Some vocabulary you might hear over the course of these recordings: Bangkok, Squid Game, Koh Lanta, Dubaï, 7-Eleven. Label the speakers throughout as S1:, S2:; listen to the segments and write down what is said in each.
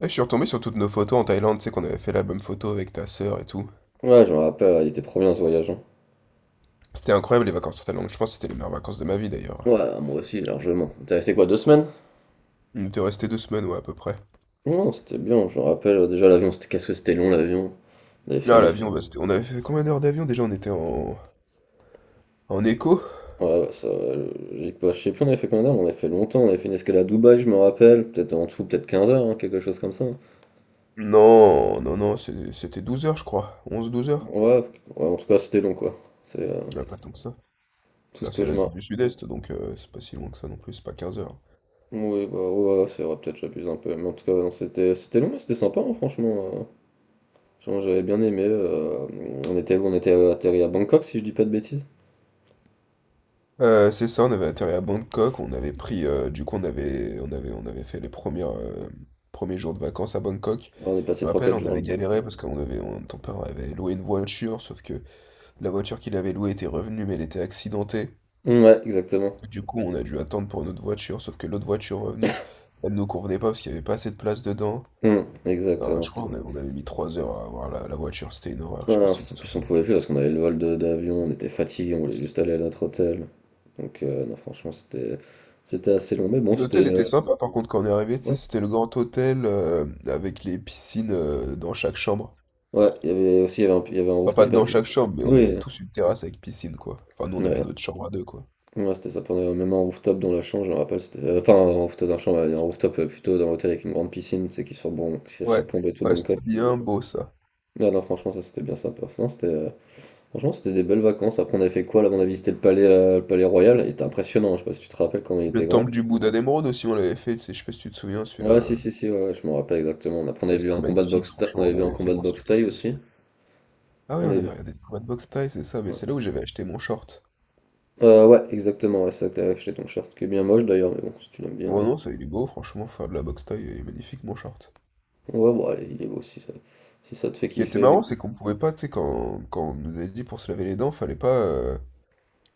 S1: Et je suis retombé sur toutes nos photos en Thaïlande, tu sais qu'on avait fait l'album photo avec ta sœur et tout.
S2: Ouais, je me rappelle, il était trop bien ce voyage, hein.
S1: C'était incroyable les vacances en Thaïlande, je pense que c'était les meilleures vacances de ma vie d'ailleurs.
S2: Ouais, moi aussi, largement. T'es resté quoi, deux semaines?
S1: On était resté 2 semaines, ouais, à peu près.
S2: Non, c'était bien, je me rappelle. Déjà, l'avion, c'était, qu'est-ce que c'était long, l'avion. On avait fait
S1: Ah,
S2: une escale.
S1: l'avion, bah, on avait fait combien d'heures d'avion déjà? On était en écho?
S2: Ouais, ouais, ça, j'ai pas- Je sais plus, on avait fait combien d'heures, mais on avait fait longtemps. On avait fait une escale à Dubaï, je me rappelle. Peut-être en tout, peut-être 15 heures, hein, quelque chose comme ça.
S1: Non, non, non, c'était 12 heures, je crois. 11, 12 heures?
S2: Ouais, ouais, en tout cas, c'était long, quoi. C'est
S1: Ouais, pas tant que ça.
S2: tout ce
S1: Bah,
S2: que
S1: c'est
S2: je me.
S1: l'Asie du Sud-Est, donc c'est pas si loin que ça non plus, c'est pas 15 heures.
S2: Oui, bah ouais, c'est vrai, peut-être j'abuse un peu. Mais en tout cas, non, c'était long, mais c'était sympa, hein, franchement, genre. J'avais bien aimé, on était, on était atterri à Bangkok, si je dis pas de bêtises.
S1: C'est ça, on avait atterri à Bangkok, on avait pris, du coup on avait fait les premiers jours de vacances à Bangkok.
S2: Ouais, on est
S1: Je
S2: passé
S1: me
S2: trois
S1: rappelle,
S2: quatre
S1: on
S2: jours
S1: avait
S2: là-bas.
S1: galéré parce qu'ton père avait loué une voiture, sauf que la voiture qu'il avait louée était revenue, mais elle était accidentée.
S2: Mm, ouais, exactement.
S1: Du coup, on a dû attendre pour une autre voiture, sauf que l'autre voiture revenue, elle nous convenait pas parce qu'il y avait pas assez de place dedans.
S2: Mm, exact, ouais,
S1: Non,
S2: non,
S1: je crois qu'on
S2: bon.
S1: avait, on avait mis 3 heures à avoir la voiture, c'était une horreur, je sais
S2: Ouais,
S1: pas
S2: non,
S1: si tu
S2: c'est- en
S1: te
S2: plus, on
S1: souviens.
S2: pouvait plus parce qu'on avait le vol d'avion, on était fatigué, on voulait juste aller à notre hôtel. Donc, non, franchement, c'était assez long, mais bon, c'était,
S1: L'hôtel était sympa par contre quand on est arrivé, tu sais,
S2: ouais.
S1: c'était le grand hôtel avec les piscines dans chaque chambre.
S2: Ouais, il y avait aussi, il y avait un
S1: Enfin pas
S2: rooftop
S1: dans
S2: avec.
S1: chaque chambre, mais on avait
S2: Oui,
S1: tous une terrasse avec piscine, quoi. Enfin nous on avait
S2: ouais,
S1: notre chambre à deux, quoi.
S2: ouais, c'était ça. On avait même un rooftop dans la chambre, je me rappelle. Enfin, un rooftop dans la chambre, un rooftop, plutôt dans l'hôtel avec une grande piscine, qui
S1: Ouais,
S2: surplombe tout
S1: ouais, c'était
S2: Bangkok.
S1: bien beau, ça.
S2: Non, non, franchement, ça c'était bien sympa. Non, c'était, franchement, c'était des belles vacances. Après, on avait fait quoi là? On a visité le palais royal. Il était impressionnant. Je sais pas si tu te rappelles quand il était
S1: Le
S2: grand.
S1: temple du Bouddha d'émeraude aussi on l'avait fait, tu sais, je sais pas si tu te souviens celui-là.
S2: Ouais,
S1: euh,
S2: si, si, si, ouais, ouais, je me rappelle exactement. Après, on avait
S1: Ça
S2: vu
S1: c'était
S2: un combat de
S1: magnifique,
S2: boxe, on
S1: franchement,
S2: avait
S1: on
S2: vu un
S1: avait fait,
S2: combat de
S1: on se
S2: boxe
S1: l'était
S2: thaï
S1: fait.
S2: aussi.
S1: Ah oui,
S2: On
S1: on
S2: avait
S1: avait
S2: vu.
S1: regardé des combats de boxe thaï, c'est ça, mais
S2: Ouais,
S1: c'est là où j'avais acheté mon short.
S2: euh, ouais, exactement. Ouais, c'est ça que t'avais acheté ton shirt, qui est bien moche d'ailleurs, mais bon, si tu l'aimes bien,
S1: Bon
S2: hein.
S1: non, ça il est beau franchement, faire de la boxe thaï, il est magnifique, mon short.
S2: Ouais, bon, allez, il est beau, si ça te fait
S1: Ce qui était
S2: kiffer,
S1: marrant,
S2: mais-
S1: c'est qu'on pouvait pas, tu sais, quand on nous avait dit pour se laver les dents, fallait pas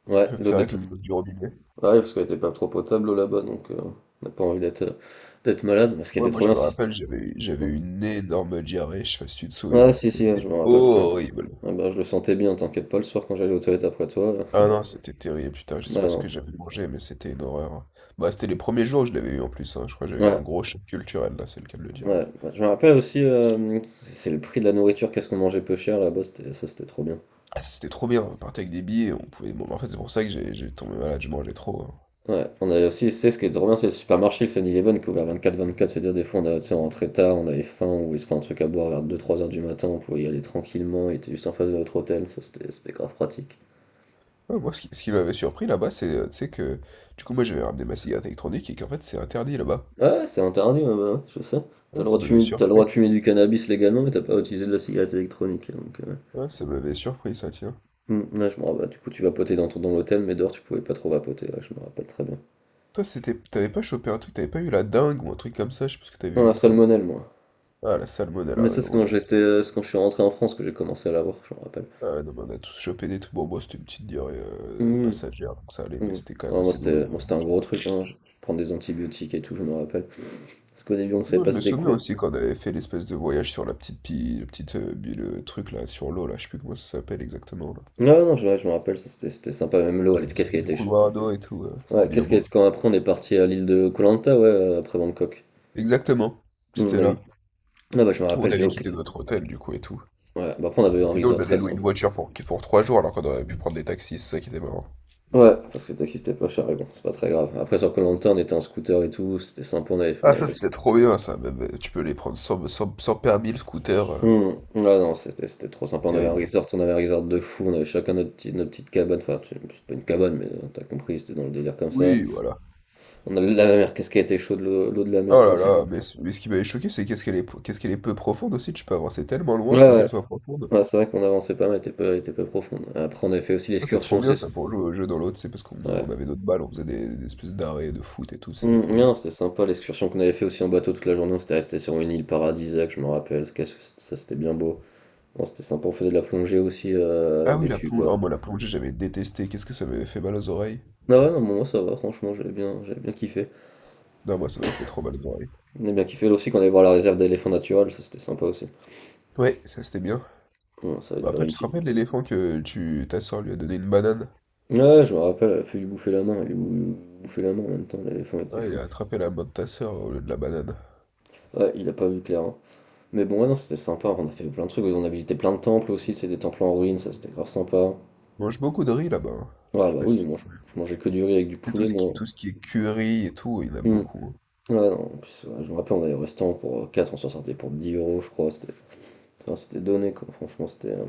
S2: Ouais,
S1: le
S2: l'eau
S1: faire
S2: des
S1: avec
S2: tout.
S1: l'eau du robinet.
S2: Ouais, parce qu'elle était pas trop potable l'eau là-bas, donc on n'a pas envie d'être, d'être malade. Mais ce qui
S1: Ouais,
S2: était
S1: moi
S2: trop
S1: je
S2: bien,
S1: me
S2: si c'était.
S1: rappelle, j'avais
S2: Hein.
S1: une énorme diarrhée, je sais pas si tu te
S2: Ouais,
S1: souviens.
S2: si, si, hein,
S1: C'était
S2: je me rappelle très.
S1: horrible.
S2: Ah bah, je le sentais bien, t'inquiète pas, le soir quand j'allais aux toilettes après toi.
S1: Ah non, c'était terrible, putain, je
S2: Ouais,
S1: sais pas ce que
S2: non.
S1: j'avais mangé, mais c'était une horreur. Bah, c'était les premiers jours où je l'avais eu en plus, hein. Je crois que j'avais eu un
S2: Ouais,
S1: gros choc culturel, là, c'est le cas de le dire.
S2: ouais. Bah, je me rappelle aussi, c'est le prix de la nourriture, qu'est-ce qu'on mangeait peu cher là-bas, c'était- ça c'était trop bien.
S1: Ah, c'était trop bien, on partait avec des billets, on pouvait... Bon, en fait, c'est pour ça que j'ai tombé malade, je mangeais trop, hein.
S2: Ouais, on avait aussi, c'est ce qui est trop bien, c'est le supermarché, le 7-Eleven qui est ouvert 24/24, c'est-à-dire des fois tu sais, on rentrait tard, on avait faim, ou voulait se prendre un truc à boire vers 2 3 heures du matin, on pouvait y aller tranquillement, il était juste en face de notre hôtel, ça c'était grave pratique.
S1: Ouais, moi, ce qui m'avait surpris là-bas, c'est, tu sais, que... Du coup, moi, j'avais ramené ma cigarette électronique et qu'en fait, c'est interdit là-bas.
S2: Ouais, c'est interdit, ouais, bah, ouais, je sais. T'as le
S1: Ouais, ça
S2: droit de
S1: m'avait
S2: fumer, t'as le droit
S1: surpris.
S2: de fumer du cannabis légalement, mais t'as pas à utiliser de la cigarette électronique, hein, donc...
S1: Ouais, ça m'avait surpris, ça, tiens.
S2: Mmh, ouais, je me rappelle, du coup, tu vapotais dans ton dans l'hôtel, mais dehors, tu pouvais pas trop vapoter, ouais, je me rappelle très bien.
S1: Toi, c'était, t'avais pas chopé un truc, t'avais pas eu la dingue ou un truc comme ça, je sais pas ce que t'avais
S2: Non, la
S1: eu, toi.
S2: salmonelle, moi.
S1: Ah, la
S2: Mais
S1: salmonella, ouais,
S2: ça,
S1: non, on est...
S2: c'est quand je suis rentré en France que j'ai commencé à l'avoir, je me rappelle.
S1: Ah, non, mais on a tous chopé des trucs. Bon, moi, c'était une petite diarrhée
S2: Oui,
S1: passagère, donc ça allait, mais
S2: oui.
S1: c'était quand même
S2: Ah,
S1: assez
S2: moi,
S1: douloureux,
S2: c'était
S1: hein.
S2: un gros truc, hein. Je prends des antibiotiques et tout, je me rappelle. Parce qu'au début, on savait
S1: Sinon, je
S2: pas
S1: me
S2: c'était
S1: souviens
S2: quoi.
S1: aussi quand on avait fait l'espèce de voyage sur la petite pile, le truc là, sur l'eau, là, je sais plus comment ça s'appelle exactement, là.
S2: Ah, ouais, non, ouais, je me rappelle, ça, c'était sympa, même l'eau,
S1: Dans
S2: elle
S1: les
S2: était- qu'est-ce qu'elle
S1: espèces de
S2: était, ch-
S1: couloirs d'eau et tout,
S2: Ouais,
S1: c'était bien
S2: qu'est-ce qu'elle
S1: beau.
S2: était. Quand après, on est parti à l'île de Koh Lanta, ouais, après Bangkok.
S1: Exactement, c'était
S2: On a vu.
S1: là.
S2: Ah, bah, je me
S1: On
S2: rappelle que
S1: avait
S2: l'eau.
S1: quitté notre hôtel, du coup, et tout.
S2: Ouais, bah, après, on avait eu un
S1: Puis nous, on
S2: resort
S1: avait
S2: très
S1: loué
S2: sympa.
S1: une voiture pour 3 jours alors qu'on aurait pu prendre des taxis, c'est ça qui était marrant.
S2: Ouais, parce que le taxi c'était pas cher, mais bon, c'est pas très grave. Après, sur koh on était en scooter et tout, c'était sympa, on
S1: Ah,
S2: avait
S1: ça
S2: notre-
S1: c'était trop bien, ça, même, tu peux les prendre sans permis le scooter,
S2: Hmm, ouais, non, c'était trop
S1: c'est
S2: sympa, on avait un
S1: terrible.
S2: resort, on avait un resort de fou, on avait chacun notre petite cabane, enfin, c'est pas une cabane, mais t'as compris, c'était dans le délire comme ça.
S1: Oui, voilà.
S2: On avait la mer, qu'est-ce qu'elle était chaude, l'eau de la mer,
S1: Oh
S2: je
S1: là
S2: crois. C'est-
S1: là, mais, mais ce qui m'avait choqué, c'est qu'est-ce qu'elle est peu profonde aussi, tu peux avancer tellement
S2: Ouais,
S1: loin sans qu'elle soit profonde.
S2: ouais, c'est vrai qu'on avançait pas mal, elle était pas profonde. Après, on avait fait aussi
S1: Ça c'est trop
S2: l'excursion,
S1: bien,
S2: c'est...
S1: ça, pour jouer au jeu dans l'autre, c'est parce qu'on
S2: Ouais.
S1: avait notre balle, on faisait des espèces d'arrêts de foot et tout, c'était
S2: Hmm,
S1: trop bien.
S2: non, c'était sympa, l'excursion qu'on avait fait aussi en bateau toute la journée, on s'était resté sur une île paradisiaque, je me rappelle, qu'est-ce que c- ça c'était bien beau. Non, c'était sympa, on faisait de la plongée aussi,
S1: Ah
S2: avec
S1: oui,
S2: des
S1: la
S2: tubes.
S1: plonge oh moi la plongée j'avais détesté, qu'est-ce que ça m'avait fait mal aux oreilles?
S2: Ah ouais, non, moi ça va, franchement, j'avais bien kiffé.
S1: Non, moi ça m'avait fait trop mal aux oreilles.
S2: J'avais bien kiffé là aussi quand on allait voir la réserve d'éléphants naturels, ça c'était sympa aussi.
S1: Ouais, ça c'était bien.
S2: Ouais, ça a
S1: Bah,
S2: duré
S1: après,
S2: une
S1: tu te
S2: petite.
S1: rappelles l'éléphant ta soeur lui a donné une banane?
S2: Ouais, ouais, je me rappelle, elle a fait lui bouffer la main, bouffait la main en même temps, l'éléphant était
S1: Ouais, il
S2: fou.
S1: a attrapé la main de ta soeur au lieu de la banane.
S2: Ouais, il a pas vu clair, hein. Mais bon, ouais, non, c'était sympa, on a fait plein de trucs, on a visité plein de temples aussi, c'est des temples en ruine, ça c'était grave sympa.
S1: On mange beaucoup de riz là-bas, hein. Je
S2: Ouais,
S1: sais
S2: bah
S1: pas si
S2: oui,
S1: tu
S2: je mangeais que du riz avec du
S1: sais, tout
S2: poulet,
S1: ce qui,
S2: moi.
S1: tout ce qui est curry et tout, il y en a
S2: Hmm.
S1: beaucoup, hein.
S2: Ouais, non, en plus, ouais, je me rappelle, on allait au restaurant pour quatre, on s'en sortait pour 10 euros, je crois, c'était. Enfin, c'était donné, quoi. Franchement, c'était,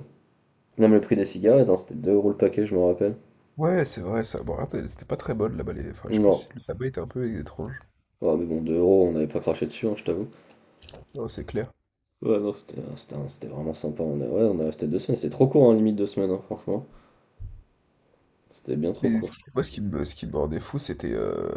S2: même le prix des cigarettes, hein, c'était 2 euros le paquet, je me rappelle.
S1: Ouais, c'est vrai, ça. Bon, attends, c'était pas très bonne là-bas. Enfin, je sais pas
S2: Non.
S1: si le tabac était un peu étrange.
S2: Ouais, mais bon, 2 euros, on n'avait pas craché dessus, hein, je t'avoue.
S1: Non, c'est clair.
S2: Ouais, non, c'était, c'était vraiment sympa. On a, ouais, on a resté deux semaines. C'était trop court, hein, limite deux semaines, hein, franchement. C'était bien trop
S1: Mais
S2: court, je trouve.
S1: moi, ce qui me rendait fou, c'était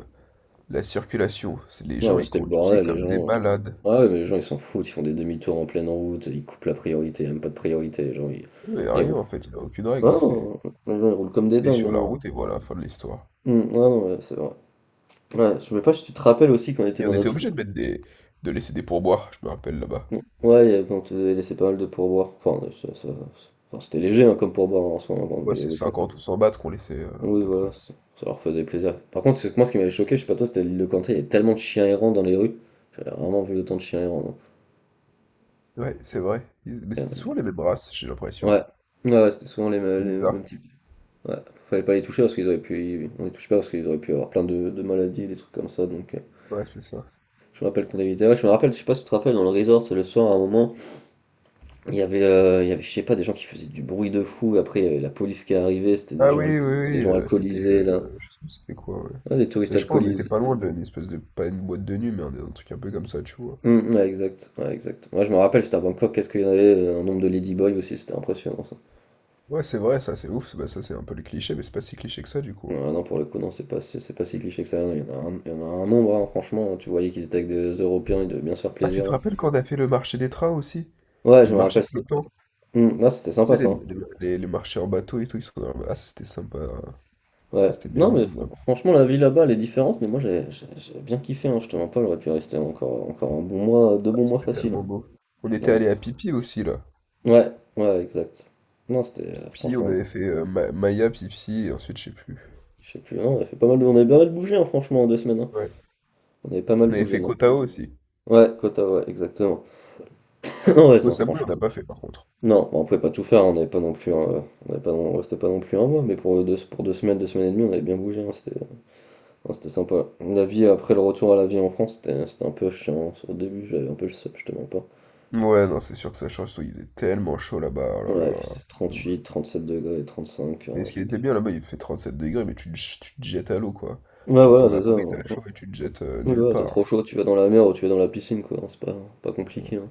S1: la circulation. C'est les
S2: Non,
S1: gens,
S2: bah,
S1: ils
S2: c'était le
S1: conduisaient
S2: bordel, les
S1: comme des
S2: gens.
S1: malades.
S2: Ah ouais, mais les gens, ils s'en foutent, ils font des demi-tours en pleine route, ils coupent la priorité, même pas de priorité,
S1: Il n'y a
S2: ils
S1: rien
S2: roulent.
S1: en fait, il n'y a aucune
S2: Ah,
S1: règle. C'est
S2: non, les gens, ils roulent comme des
S1: T'es
S2: dingues,
S1: sur la
S2: hein.
S1: route et voilà, fin de l'histoire.
S2: Ouais, non, ouais, c'est vrai. Ouais, je sais pas si tu te rappelles aussi qu'on était
S1: Et
S2: dans
S1: on était
S2: notre.
S1: obligé de mettre de laisser des pourboires, je me rappelle là-bas.
S2: Mm. Ouais, il y avait- on te laissait pas mal de pourboires. Enfin, c'était léger hein, comme pourboire en ce moment,
S1: Ouais,
S2: mais
S1: c'est
S2: oui, fallait-
S1: 50 ou 100 bahts qu'on laissait, à
S2: oui,
S1: peu
S2: voilà,
S1: près.
S2: c'est- ça leur faisait plaisir. Par contre, c'est que moi ce qui m'avait choqué, je sais pas toi, c'était l'île de Canté, il y avait tellement de chiens errants dans les rues. J'avais vraiment vu autant de chiens errants, non.
S1: Ouais, c'est vrai. Ils Mais
S2: Il y en
S1: c'était souvent
S2: avait-
S1: les mêmes races, j'ai l'impression.
S2: Ouais, ouais, c'était souvent
S1: C'est
S2: les
S1: bizarre.
S2: mêmes types. Ouais, fallait pas les toucher parce qu'ils auraient pu. On les touche pas parce qu'ils auraient pu avoir plein de maladies, des trucs comme ça. Donc,
S1: Ouais, c'est ça.
S2: je me rappelle qu'on avait été. Ouais, je me rappelle, je sais pas si tu te rappelles, dans le resort, le soir, à un moment. Il y avait, je sais pas, des gens qui faisaient du bruit de fou. Après, il y avait la police qui est arrivée, c'était des
S1: Ah oui,
S2: gens al
S1: oui, oui,
S2: des gens
S1: c'était,
S2: alcoolisés là.
S1: je sais plus c'était quoi, ouais.
S2: Ouais, des touristes
S1: Mais je crois on n'était
S2: alcoolisés.
S1: pas loin d'une espèce de pas une boîte de nuit, mais un truc un peu comme ça, tu vois?
S2: Mmh, ouais, exact, ouais, exact. Moi je me rappelle, c'était à Bangkok, qu'est-ce qu'il y en avait, un nombre de ladyboys aussi, c'était impressionnant ça.
S1: Ouais, c'est vrai ça, c'est ouf, bah, ça c'est un peu le cliché, mais c'est pas si cliché que ça, du
S2: Ah
S1: coup.
S2: non, pour le coup, non, c'est pas si cliché que ça, il y en a un nombre, hein, franchement, tu voyais qu'ils étaient avec des Européens, ils devaient bien se faire
S1: Ah, tu
S2: plaisir,
S1: te
S2: hein.
S1: rappelles quand on a fait le marché des trains aussi?
S2: Ouais,
S1: Et
S2: je
S1: le
S2: me
S1: marché
S2: rappelle,
S1: flottant?
S2: mmh, ah, c'était sympa
S1: Tu sais
S2: ça,
S1: les
S2: hein.
S1: les les les marchés en bateau et tout, ils sont ah, c'était sympa, hein.
S2: Ouais.
S1: C'était bien
S2: Non,
S1: beau,
S2: mais
S1: je me rappelle,
S2: franchement, la vie là-bas, elle est différente, mais moi j'ai bien kiffé, hein, je te mens pas, j'aurais pu rester encore un bon mois, 2 bons mois
S1: c'était
S2: faciles,
S1: tellement beau. On était
S2: hein.
S1: allé à Pipi aussi, là.
S2: Ouais, ouais, exact. Non, c'était,
S1: Pipi, on
S2: franchement,
S1: avait fait Maya, Pipi, et ensuite je sais plus.
S2: je sais plus, hein, on a fait pas mal, de- on avait pas mal bougé, hein, franchement, en deux semaines, hein.
S1: Ouais.
S2: On avait pas mal
S1: On avait
S2: bougé,
S1: fait
S2: non?
S1: Kotao aussi.
S2: Ouais, quota, ouais, exactement. Non, ouais, non,
S1: Osamui, on
S2: franchement.
S1: n'a pas fait par contre.
S2: Non, bon, on pouvait pas tout faire, hein, on n'avait pas non plus, hein, on avait pas non- on restait pas non plus un mois, mais pour deux semaines et demie, on avait bien bougé, hein, c'était sympa. La vie après le retour à la vie en France, c'était un peu chiant, hein. Au début, j'avais un peu le seum, je te mens pas.
S1: Ouais, non, c'est sûr que ça change tout. Il faisait tellement chaud là-bas, oh là
S2: Ouais, il
S1: là,
S2: faisait
S1: c'est ouf.
S2: 38, 37 degrés, 35,
S1: Mais
S2: hein,
S1: ce qui
S2: fait.
S1: était bien là-bas, il fait 7 degrés, mais tu te jettes à l'eau, quoi.
S2: Ouais,
S1: Tu
S2: voilà,
S1: retournes à
S2: c'est ça,
S1: Paris,
S2: hein.
S1: t'as chaud et tu te jettes
S2: Ouais,
S1: nulle
S2: ouais, t'as
S1: part.
S2: trop chaud, tu vas dans la mer ou tu vas dans la piscine, quoi, hein. C'est pas, pas compliqué, hein.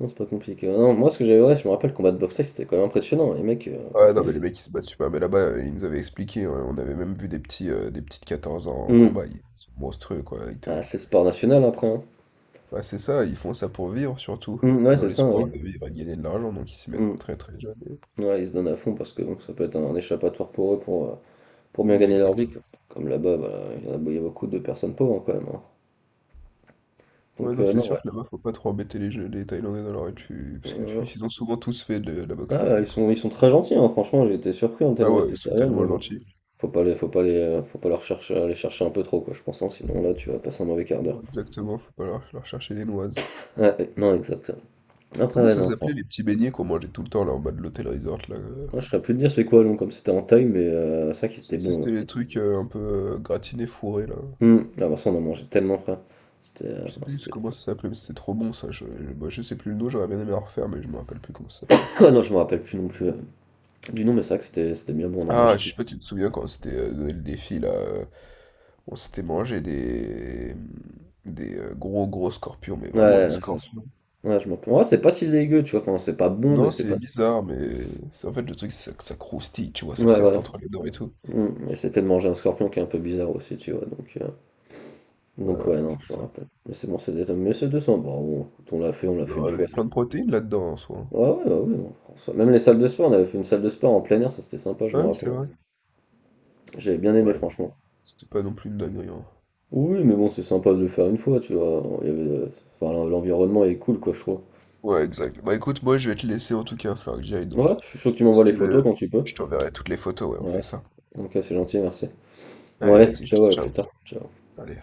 S2: Non, c'est pas compliqué. Non, moi, ouais, je me rappelle, le combat de boxe, c'était quand même impressionnant. Les mecs,
S1: Ouais,
S2: putain.
S1: non, mais les mecs, ils se battent super. Mais là-bas, ils nous avaient expliqué, hein, on avait même vu des petits, des petits de 14 ans en
S2: Hmm.
S1: combat. Ils sont monstrueux, quoi.
S2: Ah, c'est sport national après, hein.
S1: Ouais, c'est ça, ils font ça pour vivre, surtout.
S2: Hmm, ouais,
S1: Dans
S2: c'est
S1: les
S2: ça,
S1: sports,
S2: oui.
S1: de vivre et de gagner de l'argent, donc ils s'y mettent
S2: Hmm.
S1: très très jeunes.
S2: Ouais, ils se donnent à fond parce que donc, ça peut être un échappatoire pour eux pour bien
S1: Ouais,
S2: gagner leur vie,
S1: exactement.
S2: quoi. Comme là-bas, bah, il y a beaucoup de personnes pauvres hein, quand même, hein.
S1: Ouais,
S2: Donc,
S1: non, c'est
S2: non,
S1: sûr
S2: ouais.
S1: que là-bas, faut pas trop embêter les Thaïlandais dans leur étude, parce que
S2: Euh,
S1: ils ont souvent tous fait de la boxe thaï,
S2: ah,
S1: du coup.
S2: ils sont très gentils, hein, franchement, j'ai été surpris hein,
S1: Ah
S2: tellement ils
S1: ouais,
S2: étaient
S1: ils sont
S2: sérieux,
S1: tellement
S2: mais bon,
S1: gentils.
S2: faut pas leur chercher, les chercher un peu trop, quoi, je pense, hein, sinon là, tu vas passer un mauvais quart d'heure.
S1: Ouais, exactement, faut pas leur chercher des noises.
S2: Ouais, ouais, non, exactement. Après,
S1: Comment
S2: ouais,
S1: ça
S2: non,
S1: s'appelait
S2: franchement.
S1: les petits beignets qu'on mangeait tout le temps là en bas de l'hôtel resort là?
S2: Moi, je serais plus de dire c'est quoi, long, comme c'était en taille, mais c'est vrai qu'il c'était
S1: C'était
S2: bon.
S1: les trucs un peu gratinés, fourrés là.
S2: Ouais. Hmm. Ah, bah, ça, on en mangeait tellement, frère. C'était,
S1: Je sais
S2: non,
S1: plus
S2: c'était...
S1: comment ça s'appelait, mais c'était trop bon ça. Bah, je sais plus le nom, j'aurais bien aimé en refaire, mais je me rappelle plus comment ça s'appelait.
S2: Ah, non, je me rappelle plus non plus, du nom, mais c'est vrai que c'était bien bon, on en
S1: Ah,
S2: mangeait
S1: je
S2: tout.
S1: sais pas, tu te souviens quand c'était donné le défi là. On s'était mangé des gros gros scorpions, mais vraiment des
S2: Ouais,
S1: scorpions.
S2: ouais, je m'en rappelle. Ouais, c'est pas si dégueu, tu vois. Enfin, c'est pas bon, mais
S1: Non,
S2: c'est
S1: c'est
S2: pas.
S1: bizarre, mais en fait le truc c'est que ça croustille, tu vois, ça te
S2: Ouais,
S1: reste
S2: voilà.
S1: entre les dents et tout.
S2: Hmm. Et c'était de manger un scorpion qui est un peu bizarre aussi, tu vois. Donc, euh,
S1: Ouais,
S2: donc ouais,
S1: ouais,
S2: non,
S1: c'est
S2: je me
S1: ça.
S2: rappelle. Mais c'est bon, c'est des... Mais c'est 200. Bon, bon, écoute, on l'a
S1: Il doit
S2: fait
S1: y
S2: une
S1: avoir
S2: fois, c'est-
S1: plein de protéines là-dedans en soi, hein.
S2: Ouais, ouais, non, François. Même les salles de sport, on avait fait une salle de sport en plein air, ça c'était sympa, je
S1: Ah
S2: me
S1: oui, c'est
S2: rappelle.
S1: vrai.
S2: J'avais bien aimé
S1: Ouais,
S2: franchement.
S1: c'était pas non plus une dinguerie, hein.
S2: Oui, mais bon, c'est sympa de le faire une fois, tu vois. Il y avait, enfin, l'environnement est cool, quoi, je trouve.
S1: Ouais, exact. Bah écoute, moi je vais te laisser en tout cas, il va falloir que j'y aille, donc.
S2: Ouais, je suis chaud que tu
S1: Si
S2: m'envoies les
S1: tu
S2: photos
S1: veux,
S2: quand tu peux.
S1: je t'enverrai toutes les photos, ouais, on
S2: Ouais,
S1: fait ça.
S2: ok, c'est gentil, merci. Bon,
S1: Allez,
S2: allez,
S1: vas-y,
S2: ciao, à plus
S1: ciao. Ciao.
S2: tard. Ciao.
S1: Allez.